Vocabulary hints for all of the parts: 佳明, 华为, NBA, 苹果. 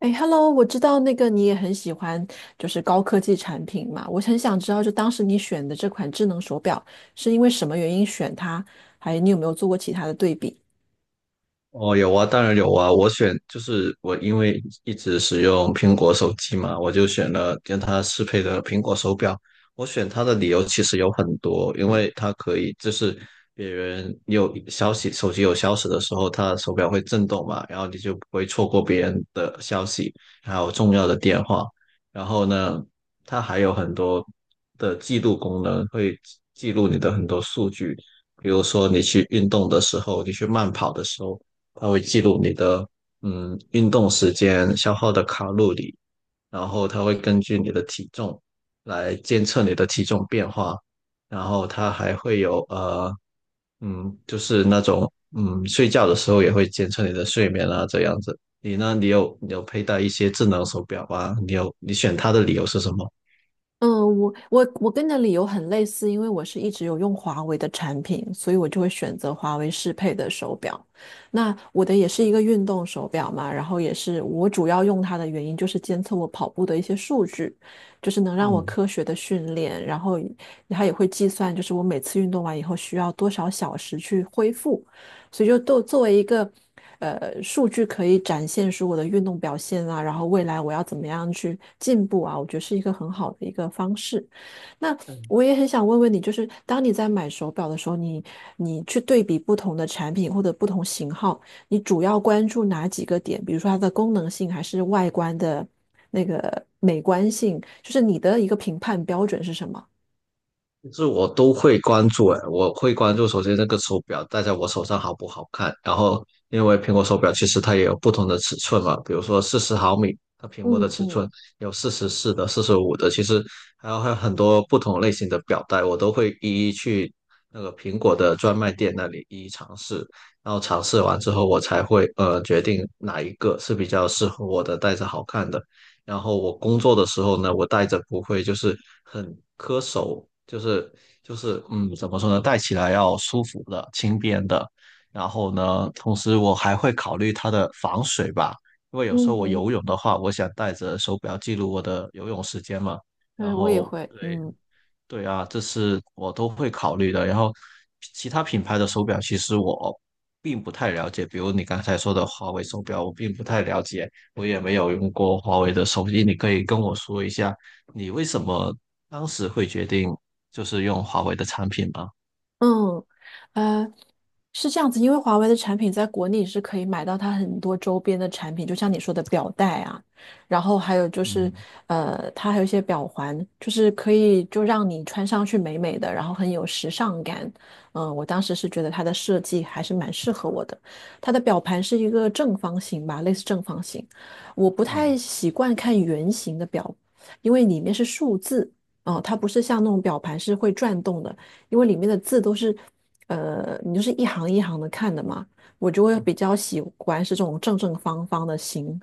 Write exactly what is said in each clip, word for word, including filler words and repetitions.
哎，Hello，我知道那个你也很喜欢，就是高科技产品嘛。我很想知道，就当时你选的这款智能手表是因为什么原因选它，还你有没有做过其他的对比？哦，有啊，当然有啊。我选就是我，因为一直使用苹果手机嘛，我就选了跟它适配的苹果手表。我选它的理由其实有很多，因为它可以就是别人有消息，手机有消息的时候，它的手表会震动嘛，然后你就不会错过别人的消息，还有重要的电话。然后呢，它还有很多的记录功能，会记录你的很多数据，比如说你去运动的时候，你去慢跑的时候。它会记录你的嗯运动时间、消耗的卡路里，然后它会根据你的体重来监测你的体重变化，然后它还会有呃嗯就是那种嗯睡觉的时候也会监测你的睡眠啊这样子。你呢？你有你有佩戴一些智能手表啊？你有你选它的理由是什么？嗯，我我我跟你的理由很类似，因为我是一直有用华为的产品，所以我就会选择华为适配的手表。那我的也是一个运动手表嘛，然后也是我主要用它的原因就是监测我跑步的一些数据，就是能让我嗯科学的训练，然后它也会计算就是我每次运动完以后需要多少小时去恢复，所以就都作为一个呃数据可以展现出我的运动表现啊，然后未来我要怎么样去进步啊，我觉得是一个很好的一个方式。那我也很想问问你，就是当你在买手表的时候，你你去对比不同的产品或者不同型号，你主要关注哪几个点？比如说它的功能性，还是外观的那个美观性？就是你的一个评判标准是什么？其实我都会关注，诶，我会关注首先那个手表戴在我手上好不好看，然后因为苹果手表其实它也有不同的尺寸嘛，比如说四十毫米，它屏幕嗯的尺寸嗯有四十四的、四十五的，其实还有还有很多不同类型的表带，我都会一一去那个苹果的专卖店那里一一尝试，然后尝试完之后我才会呃决定哪一个是比较适合我的，戴着好看的。然后我工作的时候呢，我戴着不会就是很磕手，就是就是嗯，怎么说呢，戴起来要舒服的、轻便的。然后呢，同时我还会考虑它的防水吧，因为有时候我嗯，游泳的话，我想带着手表记录我的游泳时间嘛。然对，我也后会，对。嗯。对啊，这是我都会考虑的。然后，其他品牌的手表其实我并不太了解，比如你刚才说的华为手表，我并不太了解，我也没有用过华为的手机。你可以跟我说一下，你为什么当时会决定就是用华为的产品吗？嗯，呃，是这样子，因为华为的产品在国内是可以买到它很多周边的产品，就像你说的表带啊，然后还有就是，嗯。呃，它还有一些表环，就是可以就让你穿上去美美的，然后很有时尚感。嗯，我当时是觉得它的设计还是蛮适合我的。它的表盘是一个正方形吧，类似正方形，我不嗯。太习惯看圆形的表，因为里面是数字。哦，它不是像那种表盘是会转动的，因为里面的字都是，呃，你就是一行一行的看的嘛，我就会嗯，比较喜欢是这种正正方方的型，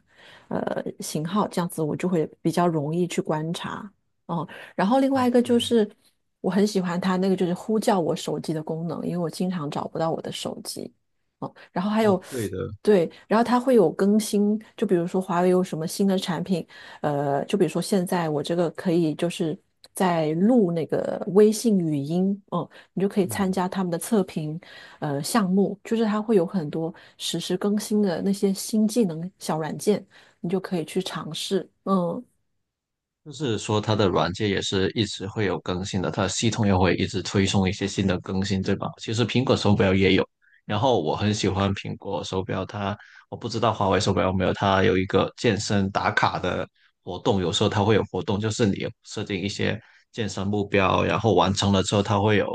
呃，型号，这样子我就会比较容易去观察。哦，然后另哦外一个就对。是我很喜欢它那个就是呼叫我手机的功能，因为我经常找不到我的手机。哦，然后还哦有，对的。对，然后它会有更新，就比如说华为有什么新的产品，呃，就比如说现在我这个可以就是在录那个微信语音，哦、你就可以参嗯。加他们的测评，呃，项目，就是它会有很多实时更新的那些新技能小软件，你就可以去尝试。嗯就是说它的软件也是一直会有更新的，它的系统也会一直推送一些新的更新，对吧？其实苹果手表也有，然后我很喜欢苹果手表，它我不知道华为手表有没有，它有一个健身打卡的活动，有时候它会有活动，就是你设定一些健身目标，然后完成了之后，它会有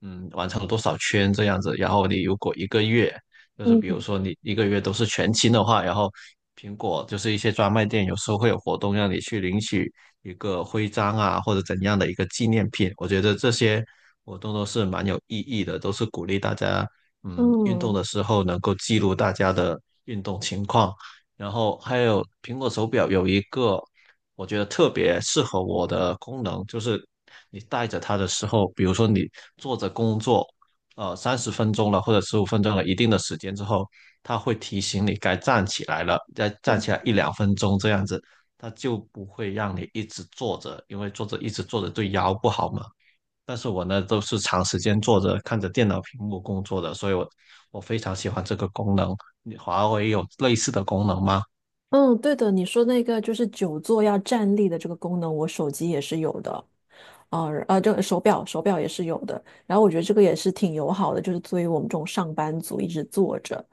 嗯完成了多少圈这样子，然后你如果一个月就是比如嗯，说你一个月都是全勤的话，然后苹果就是一些专卖店有时候会有活动让你去领取一个徽章啊，或者怎样的一个纪念品。我觉得这些活动都是蛮有意义的，都是鼓励大家，嗯，运动嗯的时候能够记录大家的运动情况。然后还有苹果手表有一个我觉得特别适合我的功能，就是你戴着它的时候，比如说你坐着工作，呃，三十分钟了或者十五分钟了一定的时间之后，它会提醒你该站起来了，再站起来一两分钟这样子。它就不会让你一直坐着，因为坐着一直坐着对腰不好嘛。但是我呢，都是长时间坐着看着电脑屏幕工作的，所以我我非常喜欢这个功能。你华为有类似的功能吗？嗯，对的，你说那个就是久坐要站立的这个功能，我手机也是有的。啊啊，这个手表手表也是有的，然后我觉得这个也是挺友好的，就是作为我们这种上班族一直坐着。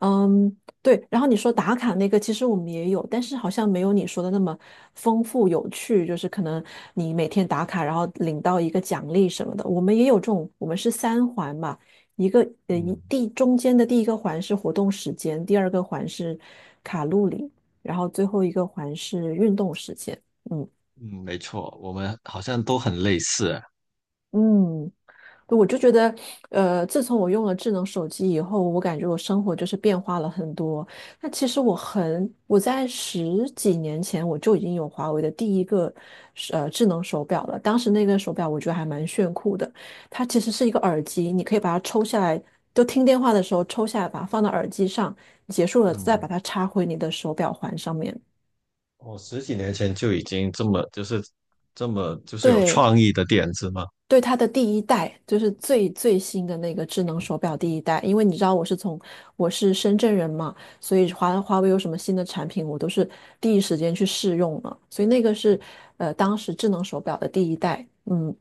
嗯，对。然后你说打卡那个，其实我们也有，但是好像没有你说的那么丰富有趣。就是可能你每天打卡，然后领到一个奖励什么的。我们也有这种，我们是三环嘛，一个呃一嗯。第中间的第一个环是活动时间，第二个环是卡路里，然后最后一个环是运动时间。嗯嗯，没错，我们好像都很类似。嗯，我就觉得，呃，自从我用了智能手机以后，我感觉我生活就是变化了很多。那其实我很，我在十几年前我就已经有华为的第一个呃智能手表了。当时那个手表我觉得还蛮炫酷的，它其实是一个耳机，你可以把它抽下来，就听电话的时候抽下来，把它放到耳机上，结束了再嗯，把它插回你的手表环上面。我十几年前就已经这么就是这么就是有对，创意的点子嘛。对它的第一代，就是最最新的那个智能手表第一代，因为你知道我是从我是深圳人嘛，所以华华为有什么新的产品，我都是第一时间去试用了，所以那个是呃当时智能手表的第一代，嗯。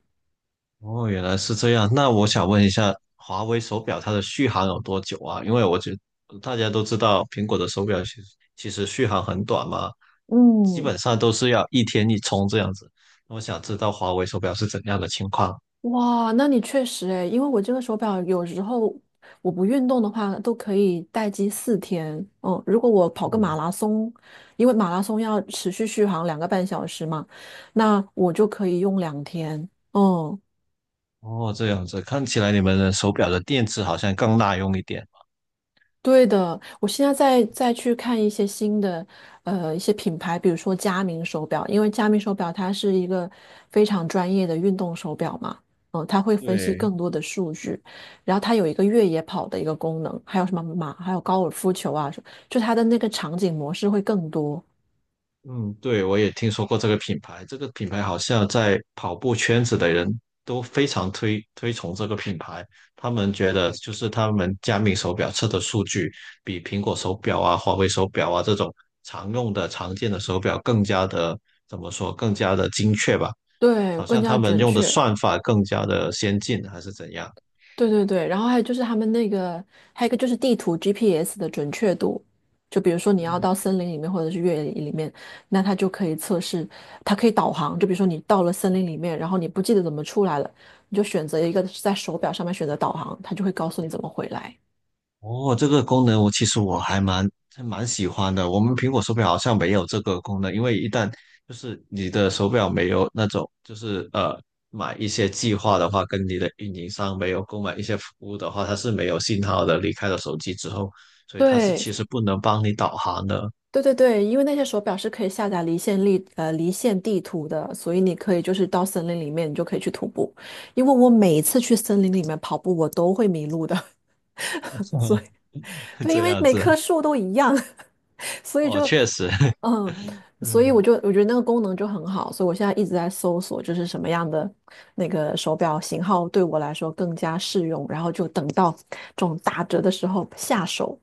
哦，原来是这样。那我想问一下，华为手表它的续航有多久啊？因为我觉得大家都知道，苹果的手表其实其实续航很短嘛，基嗯，本上都是要一天一充这样子。那我想知道华为手表是怎样的情况。哇，那你确实诶，因为我这个手表有时候我不运动的话都可以待机四天。嗯，如果我跑个马拉松，因为马拉松要持续续航两个半小时嘛，那我就可以用两天。嗯，哦，这样子，看起来你们的手表的电池好像更耐用一点。对的，我现在在再去看一些新的，呃，一些品牌，比如说佳明手表，因为佳明手表它是一个非常专业的运动手表嘛，嗯、它会分析对。更多的数据，然后它有一个越野跑的一个功能，还有什么马，还有高尔夫球啊，就它的那个场景模式会更多，嗯。对，我也听说过这个品牌，这个品牌好像在跑步圈子的人都非常推推崇这个品牌。他们觉得就是他们佳明手表测的数据比苹果手表啊、华为手表啊这种常用的、常见的手表更加的怎么说，更加的精确吧？对，好更像加他们准用的确。算法更加的先进，还是怎样？对对对，然后还有就是他们那个，还有一个就是地图 G P S 的准确度，就比如说你要到森林里面或者是越野里面，那它就可以测试，它可以导航。就比如说你到了森林里面，然后你不记得怎么出来了，你就选择一个在手表上面选择导航，它就会告诉你怎么回来。哦，这个功能我其实我还蛮还蛮喜欢的。我们苹果手表好像没有这个功能，因为一旦就是你的手表没有那种就是呃买一些计划的话，跟你的运营商没有购买一些服务的话，它是没有信号的。离开了手机之后，所以它是其对实不能帮你导航的。对对对，因为那些手表是可以下载离线地呃离线地图的，所以你可以就是到森林里面，你就可以去徒步。因为我每一次去森林里面跑步，我都会迷路的，对，因这为样每子，棵树都一样，所以哦，就确实，嗯，所以我嗯。就我觉得那个功能就很好，所以我现在一直在搜索，就是什么样的那个手表型号对我来说更加适用，然后就等到这种打折的时候下手。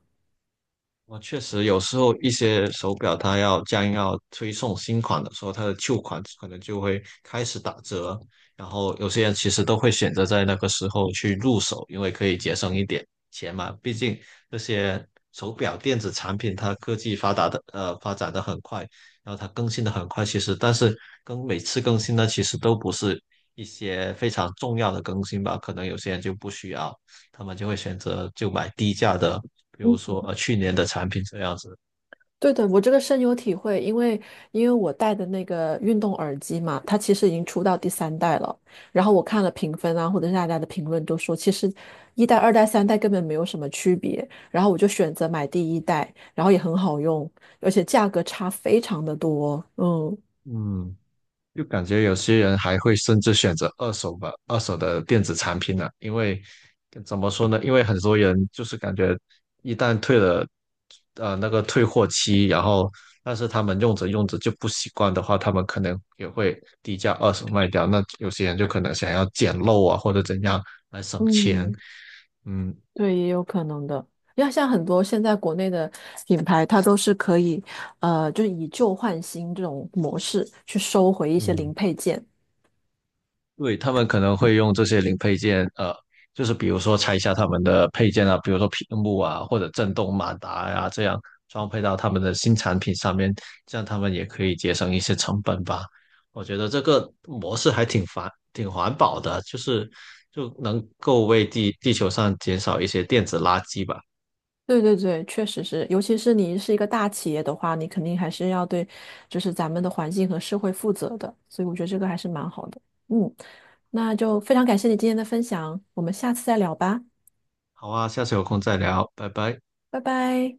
我确实有时候一些手表它要将要推送新款的时候，它的旧款可能就会开始打折，然后有些人其实都会选择在那个时候去入手，因为可以节省一点钱嘛。毕竟这些手表电子产品它科技发达的呃发展的很快，然后它更新的很快，其实但是更每次更新呢，其实都不是一些非常重要的更新吧，可能有些人就不需要。他们就会选择就买低价的，比如说呃去年的产品这样子。对的，我这个深有体会，因为因为我戴的那个运动耳机嘛，它其实已经出到第三代了。然后我看了评分啊，或者是大家的评论都说，其实一代、二代、三代根本没有什么区别。然后我就选择买第一代，然后也很好用，而且价格差非常的多。嗯嗯，就感觉有些人还会甚至选择二手吧，二手的电子产品呢、因为怎么说呢？因为很多人就是感觉一旦退了呃那个退货期，然后但是他们用着用着就不习惯的话，他们可能也会低价二手卖掉。那有些人就可能想要捡漏啊或者怎样来省钱。嗯，嗯。对，也有可能的。要像很多现在国内的品牌，它都是可以，呃，就是以旧换新这种模式去收回一些嗯，零配件。对，他们可能会用这些零配件，呃，就是比如说拆下他们的配件啊，比如说屏幕啊，或者震动马达呀、这样装配到他们的新产品上面，这样他们也可以节省一些成本吧。我觉得这个模式还挺环挺环保的，就是就能够为地地球上减少一些电子垃圾吧。对对对，确实是，尤其是你是一个大企业的话，你肯定还是要对，就是咱们的环境和社会负责的，所以我觉得这个还是蛮好的。嗯，那就非常感谢你今天的分享，我们下次再聊吧，好啊，下次有空再聊，拜拜。拜拜。